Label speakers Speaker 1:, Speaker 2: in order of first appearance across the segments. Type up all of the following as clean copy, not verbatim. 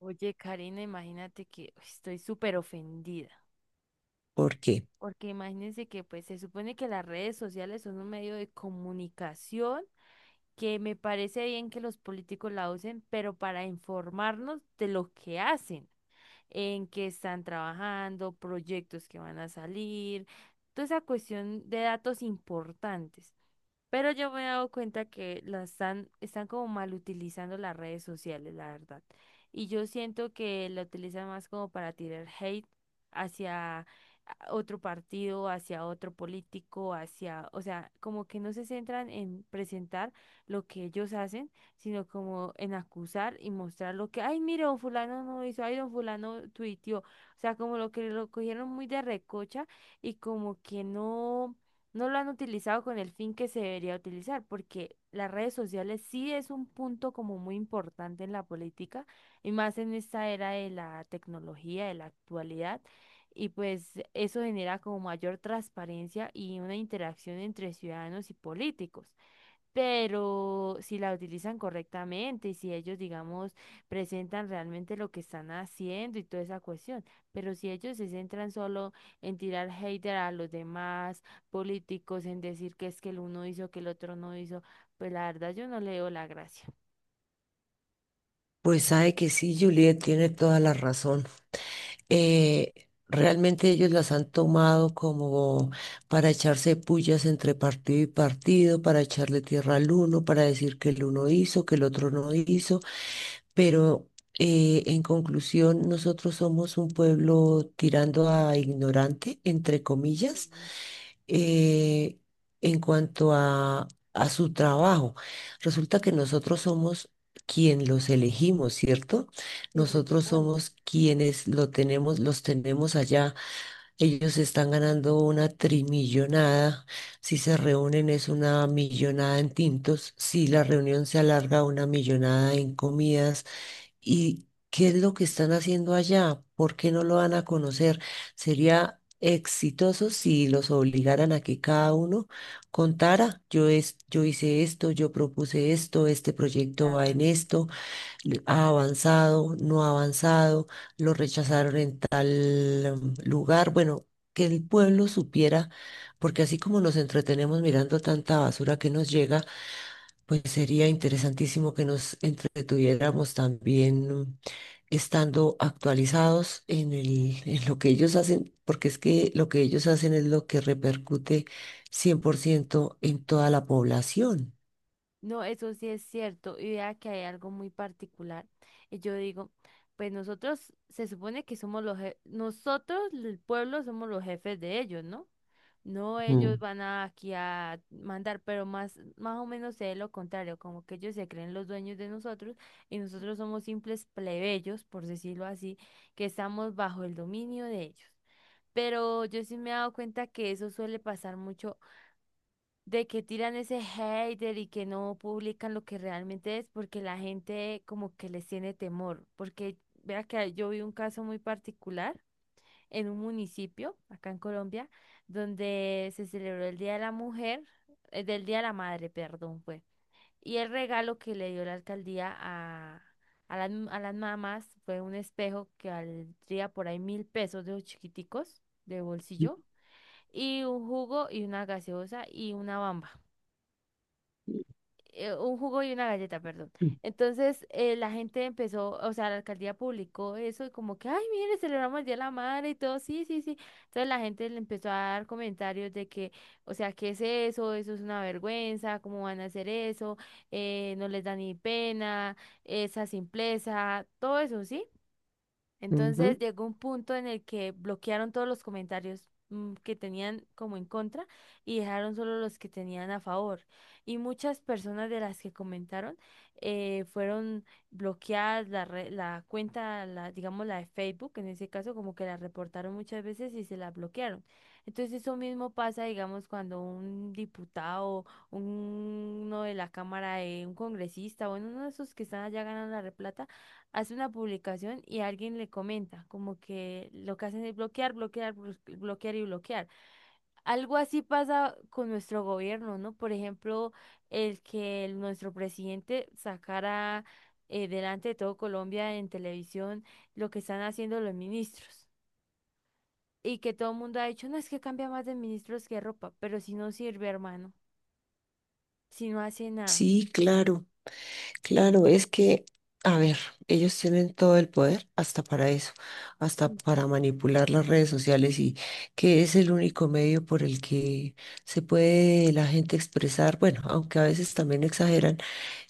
Speaker 1: Oye, Karina, imagínate que uy, estoy súper ofendida,
Speaker 2: ¿Por qué?
Speaker 1: porque imagínense que pues se supone que las redes sociales son un medio de comunicación que me parece bien que los políticos la usen, pero para informarnos de lo que hacen. En qué están trabajando, proyectos que van a salir, toda esa cuestión de datos importantes. Pero yo me he dado cuenta que están como mal utilizando las redes sociales, la verdad. Y yo siento que la utilizan más como para tirar hate hacia a- otro partido, hacia otro político, hacia, o sea, como que no se centran en presentar lo que ellos hacen sino como en acusar y mostrar lo que, ay, mire, don fulano no hizo, ay, don fulano tuiteó. O sea, como lo que lo cogieron muy de recocha y como que no, no lo han utilizado con el fin que se debería utilizar, porque las redes sociales sí es un punto como muy importante en la política y más en esta era de la tecnología, de la actualidad. Y pues eso genera como mayor transparencia y una interacción entre ciudadanos y políticos pero si la utilizan correctamente y si ellos, digamos, presentan realmente lo que están haciendo y toda esa cuestión, pero si ellos se centran solo en tirar hater a los demás políticos, en decir que es que el uno hizo, que el otro no hizo, pues la verdad yo no le veo la gracia.
Speaker 2: Pues sabe que sí, Juliet tiene toda la razón. Eh, Realmente ellos las han tomado como para echarse pullas entre partido y partido, para echarle tierra al uno, para decir que el uno hizo, que el otro no hizo. Pero en conclusión, nosotros somos un pueblo tirando a ignorante, entre comillas,
Speaker 1: Sí,
Speaker 2: eh, en cuanto a su trabajo. Resulta que nosotros somos quien los elegimos, ¿cierto?
Speaker 1: sí, se
Speaker 2: Nosotros
Speaker 1: supone,
Speaker 2: somos quienes lo tenemos, los tenemos allá. Ellos están ganando una trimillonada. Si se reúnen es una millonada en tintos. Si la reunión se alarga, una millonada en comidas. ¿Y qué es lo que están haciendo allá? ¿Por qué no lo van a conocer? Sería exitoso si los obligaran a que cada uno contara, yo hice esto, yo propuse esto, este proyecto va en
Speaker 1: claro.
Speaker 2: esto, ha avanzado, no ha avanzado, lo rechazaron en tal lugar. Bueno, que el pueblo supiera, porque así como nos entretenemos mirando tanta basura que nos llega, pues sería interesantísimo que nos entretuviéramos también estando actualizados en lo que ellos hacen, porque es que lo que ellos hacen es lo que repercute 100% en toda la población.
Speaker 1: No, eso sí es cierto. Y vea que hay algo muy particular. Y yo digo, pues nosotros se supone que somos los jefes, nosotros, el pueblo, somos los jefes de ellos, ¿no? No, ellos
Speaker 2: Mm.
Speaker 1: van a, aquí a mandar, pero más o menos es lo contrario, como que ellos se creen los dueños de nosotros y nosotros somos simples plebeyos, por decirlo así, que estamos bajo el dominio de ellos. Pero yo sí me he dado cuenta que eso suele pasar mucho, de que tiran ese hater y que no publican lo que realmente es, porque la gente como que les tiene temor, porque vea que yo vi un caso muy particular en un municipio, acá en Colombia, donde se celebró el Día de la Mujer, del Día de la Madre, perdón, fue. Y el regalo que le dio la alcaldía a las mamás fue un espejo que valdría por ahí 1.000 pesos de los chiquiticos de bolsillo, y un jugo y una gaseosa y una bamba un jugo y una galleta, perdón. Entonces la gente empezó, o sea, la alcaldía publicó eso y como que, ay, mire, celebramos el Día de la Madre y todo, sí, sí, sí. Entonces la gente le empezó a dar comentarios de que, o sea, ¿qué es eso? Eso es una vergüenza, ¿cómo van a hacer eso? No les da ni pena, esa simpleza, todo eso, ¿sí? Entonces
Speaker 2: Ujú.
Speaker 1: llegó un punto en el que bloquearon todos los comentarios que tenían como en contra y dejaron solo los que tenían a favor. Y muchas personas de las que comentaron fueron bloqueadas la cuenta, digamos la de Facebook, en ese caso como que la reportaron muchas veces y se la bloquearon. Entonces eso mismo pasa, digamos, cuando un diputado, uno de la Cámara, de un congresista, bueno, uno de esos que están allá ganando la replata hace una publicación y alguien le comenta, como que lo que hacen es bloquear, bloquear, bloquear y bloquear. Algo así pasa con nuestro gobierno, ¿no? Por ejemplo, el que el- nuestro presidente sacara delante de todo Colombia en televisión lo que están haciendo los ministros. Y que todo el mundo ha dicho, no es que cambia más de ministros que ropa, pero si no sirve, hermano, si no hace nada.
Speaker 2: Sí, claro. Claro, es que, a ver, ellos tienen todo el poder hasta para eso, hasta
Speaker 1: Uy,
Speaker 2: para
Speaker 1: sí.
Speaker 2: manipular las redes sociales y que es el único medio por el que se puede la gente expresar, bueno, aunque a veces también exageran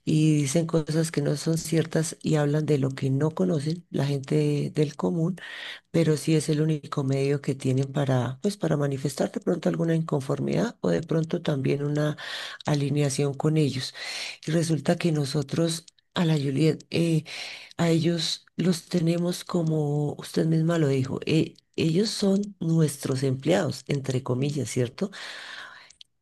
Speaker 2: y dicen cosas que no son ciertas y hablan de lo que no conocen la gente del común, pero sí es el único medio que tienen para, pues, para manifestar de pronto alguna inconformidad o de pronto también una alineación con ellos. Y resulta que nosotros a la Juliet, eh, a ellos los tenemos como usted misma lo dijo, ellos son nuestros empleados, entre
Speaker 1: Sí.
Speaker 2: comillas, ¿cierto?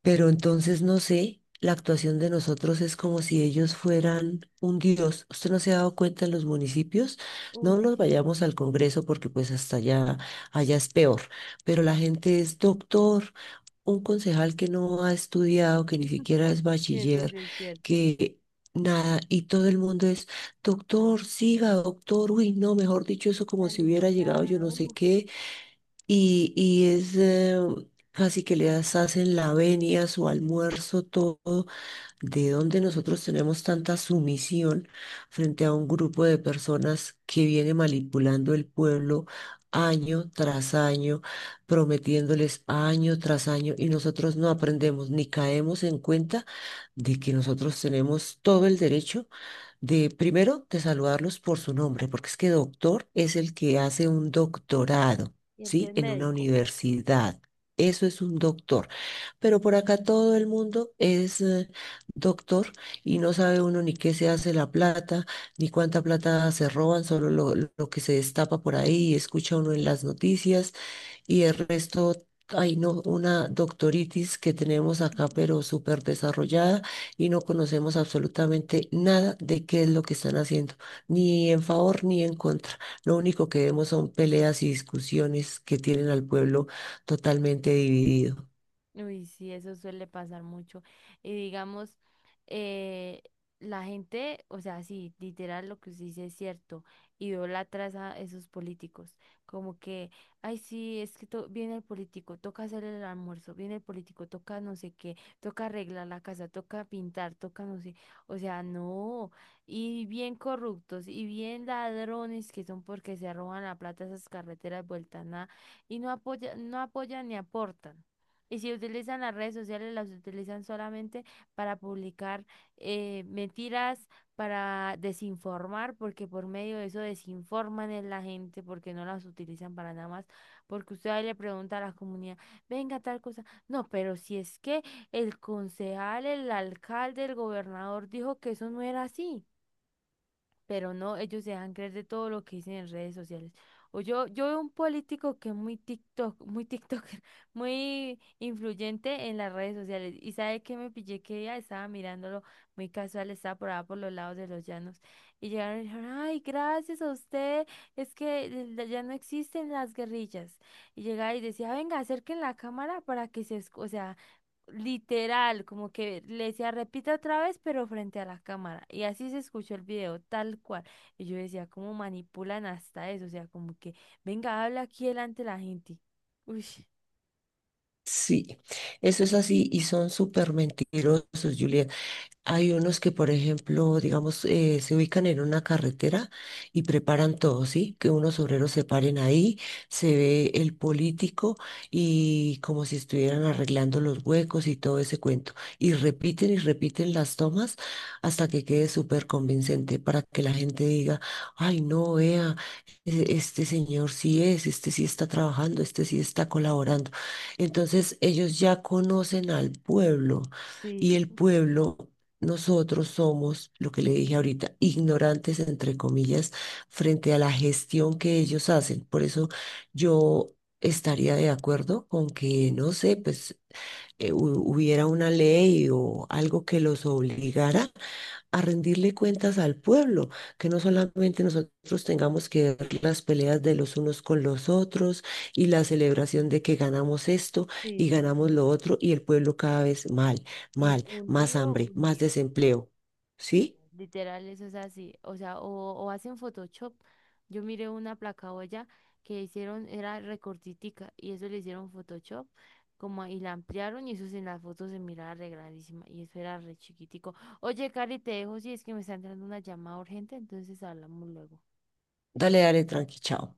Speaker 2: Pero entonces no sé, la actuación de nosotros es como si ellos fueran un dios. ¿Usted no se ha dado cuenta en los municipios?
Speaker 1: Uy,
Speaker 2: No nos
Speaker 1: sí.
Speaker 2: vayamos al Congreso porque pues allá es peor. Pero la gente es doctor, un concejal que no ha estudiado, que ni siquiera es
Speaker 1: Eso
Speaker 2: bachiller,
Speaker 1: sí es cierto.
Speaker 2: que nada, y todo el mundo es, doctor, siga, doctor, uy, no, mejor dicho, eso como
Speaker 1: La
Speaker 2: si hubiera llegado yo
Speaker 1: limonada.
Speaker 2: no sé
Speaker 1: Uy.
Speaker 2: qué y es casi que les hacen la venia, su almuerzo, todo, de donde nosotros tenemos tanta sumisión frente a un grupo de personas que viene manipulando el pueblo año tras año, prometiéndoles año tras año, y nosotros no aprendemos ni caemos en cuenta de que nosotros tenemos todo el derecho de primero de saludarlos por su nombre, porque es que doctor es el que hace un doctorado,
Speaker 1: Y el que
Speaker 2: ¿sí?
Speaker 1: es
Speaker 2: En una
Speaker 1: médico.
Speaker 2: universidad. Eso es un doctor. Pero por acá todo el mundo es doctor y no sabe uno ni qué se hace la plata, ni cuánta plata se roban, solo lo que se destapa por ahí, escucha uno en las noticias y el resto, hay no, una doctoritis que tenemos acá, pero súper desarrollada y no conocemos absolutamente nada de qué es lo que están haciendo, ni en favor ni en contra. Lo único que vemos son peleas y discusiones que tienen al pueblo totalmente dividido.
Speaker 1: Uy, sí, eso suele pasar mucho. Y digamos, eh, la gente, o sea, sí, literal lo que usted dice es cierto, idolatra a esos políticos. Como que, ay, sí, es que viene el político, toca hacer el almuerzo, viene el político, toca no sé qué, toca arreglar la casa, toca pintar, toca no sé, o sea, no. Y bien corruptos, y bien ladrones que son porque se roban la plata a esas carreteras vueltas, nada, y no apoya, no apoyan ni aportan. Y si utilizan las redes sociales, las utilizan solamente para publicar mentiras, para desinformar, porque por medio de eso desinforman a la gente, porque no las utilizan para nada más. Porque usted ahí le pregunta a la comunidad, venga tal cosa. No, pero si es que el concejal, el alcalde, el gobernador dijo que eso no era así pero no, ellos se dejan creer de todo lo que dicen en redes sociales. O yo veo un político que es muy TikTok, muy TikToker, muy influyente en las redes sociales. Y sabe que me pillé que ella estaba mirándolo muy casual, estaba por allá por los lados de los llanos. Y llegaron y dijeron, ay, gracias a usted, es que ya no existen las guerrillas. Y llegaba y decía, venga, acerquen la cámara para que o sea, literal, como que le decía, repita otra vez, pero frente a la cámara. Y así se escuchó el video, tal cual. Y yo decía, ¿cómo manipulan hasta eso? O sea, como que, venga, habla aquí delante de la gente. Uy,
Speaker 2: Sí, eso es así y son súper mentirosos, Julieta. Hay unos que, por ejemplo, digamos, se ubican en una carretera y preparan todo, ¿sí? Que unos obreros se paren ahí, se ve el político y como si estuvieran arreglando los huecos y todo ese cuento. Y repiten las tomas hasta que quede súper convincente para que la gente diga, ay, no, vea, este señor sí es, este sí está trabajando, este sí está colaborando. Entonces, ellos ya conocen al pueblo y
Speaker 1: sí,
Speaker 2: el pueblo nosotros somos, lo que le dije ahorita, ignorantes, entre comillas, frente a la gestión que ellos hacen. Por eso yo estaría de acuerdo con que, no sé, pues hubiera una ley o algo que los obligara a rendirle cuentas al pueblo, que no solamente nosotros tengamos que ver las peleas de los unos con los otros y la celebración de que ganamos esto y
Speaker 1: sí,
Speaker 2: ganamos lo otro y el pueblo cada vez mal,
Speaker 1: y
Speaker 2: mal, más
Speaker 1: hundido,
Speaker 2: hambre, más
Speaker 1: hundido.
Speaker 2: desempleo. ¿Sí?
Speaker 1: Literal, eso es así. O sea, o hacen Photoshop. Yo miré una placa olla que hicieron, era recortitica, y eso le hicieron Photoshop, como y la ampliaron, y eso sí, en las fotos se miraba re y eso era re chiquitico. Oye, Cari, te dejo si es que me está entrando una llamada urgente, entonces hablamos luego.
Speaker 2: Dale, dale, tranqui, chao.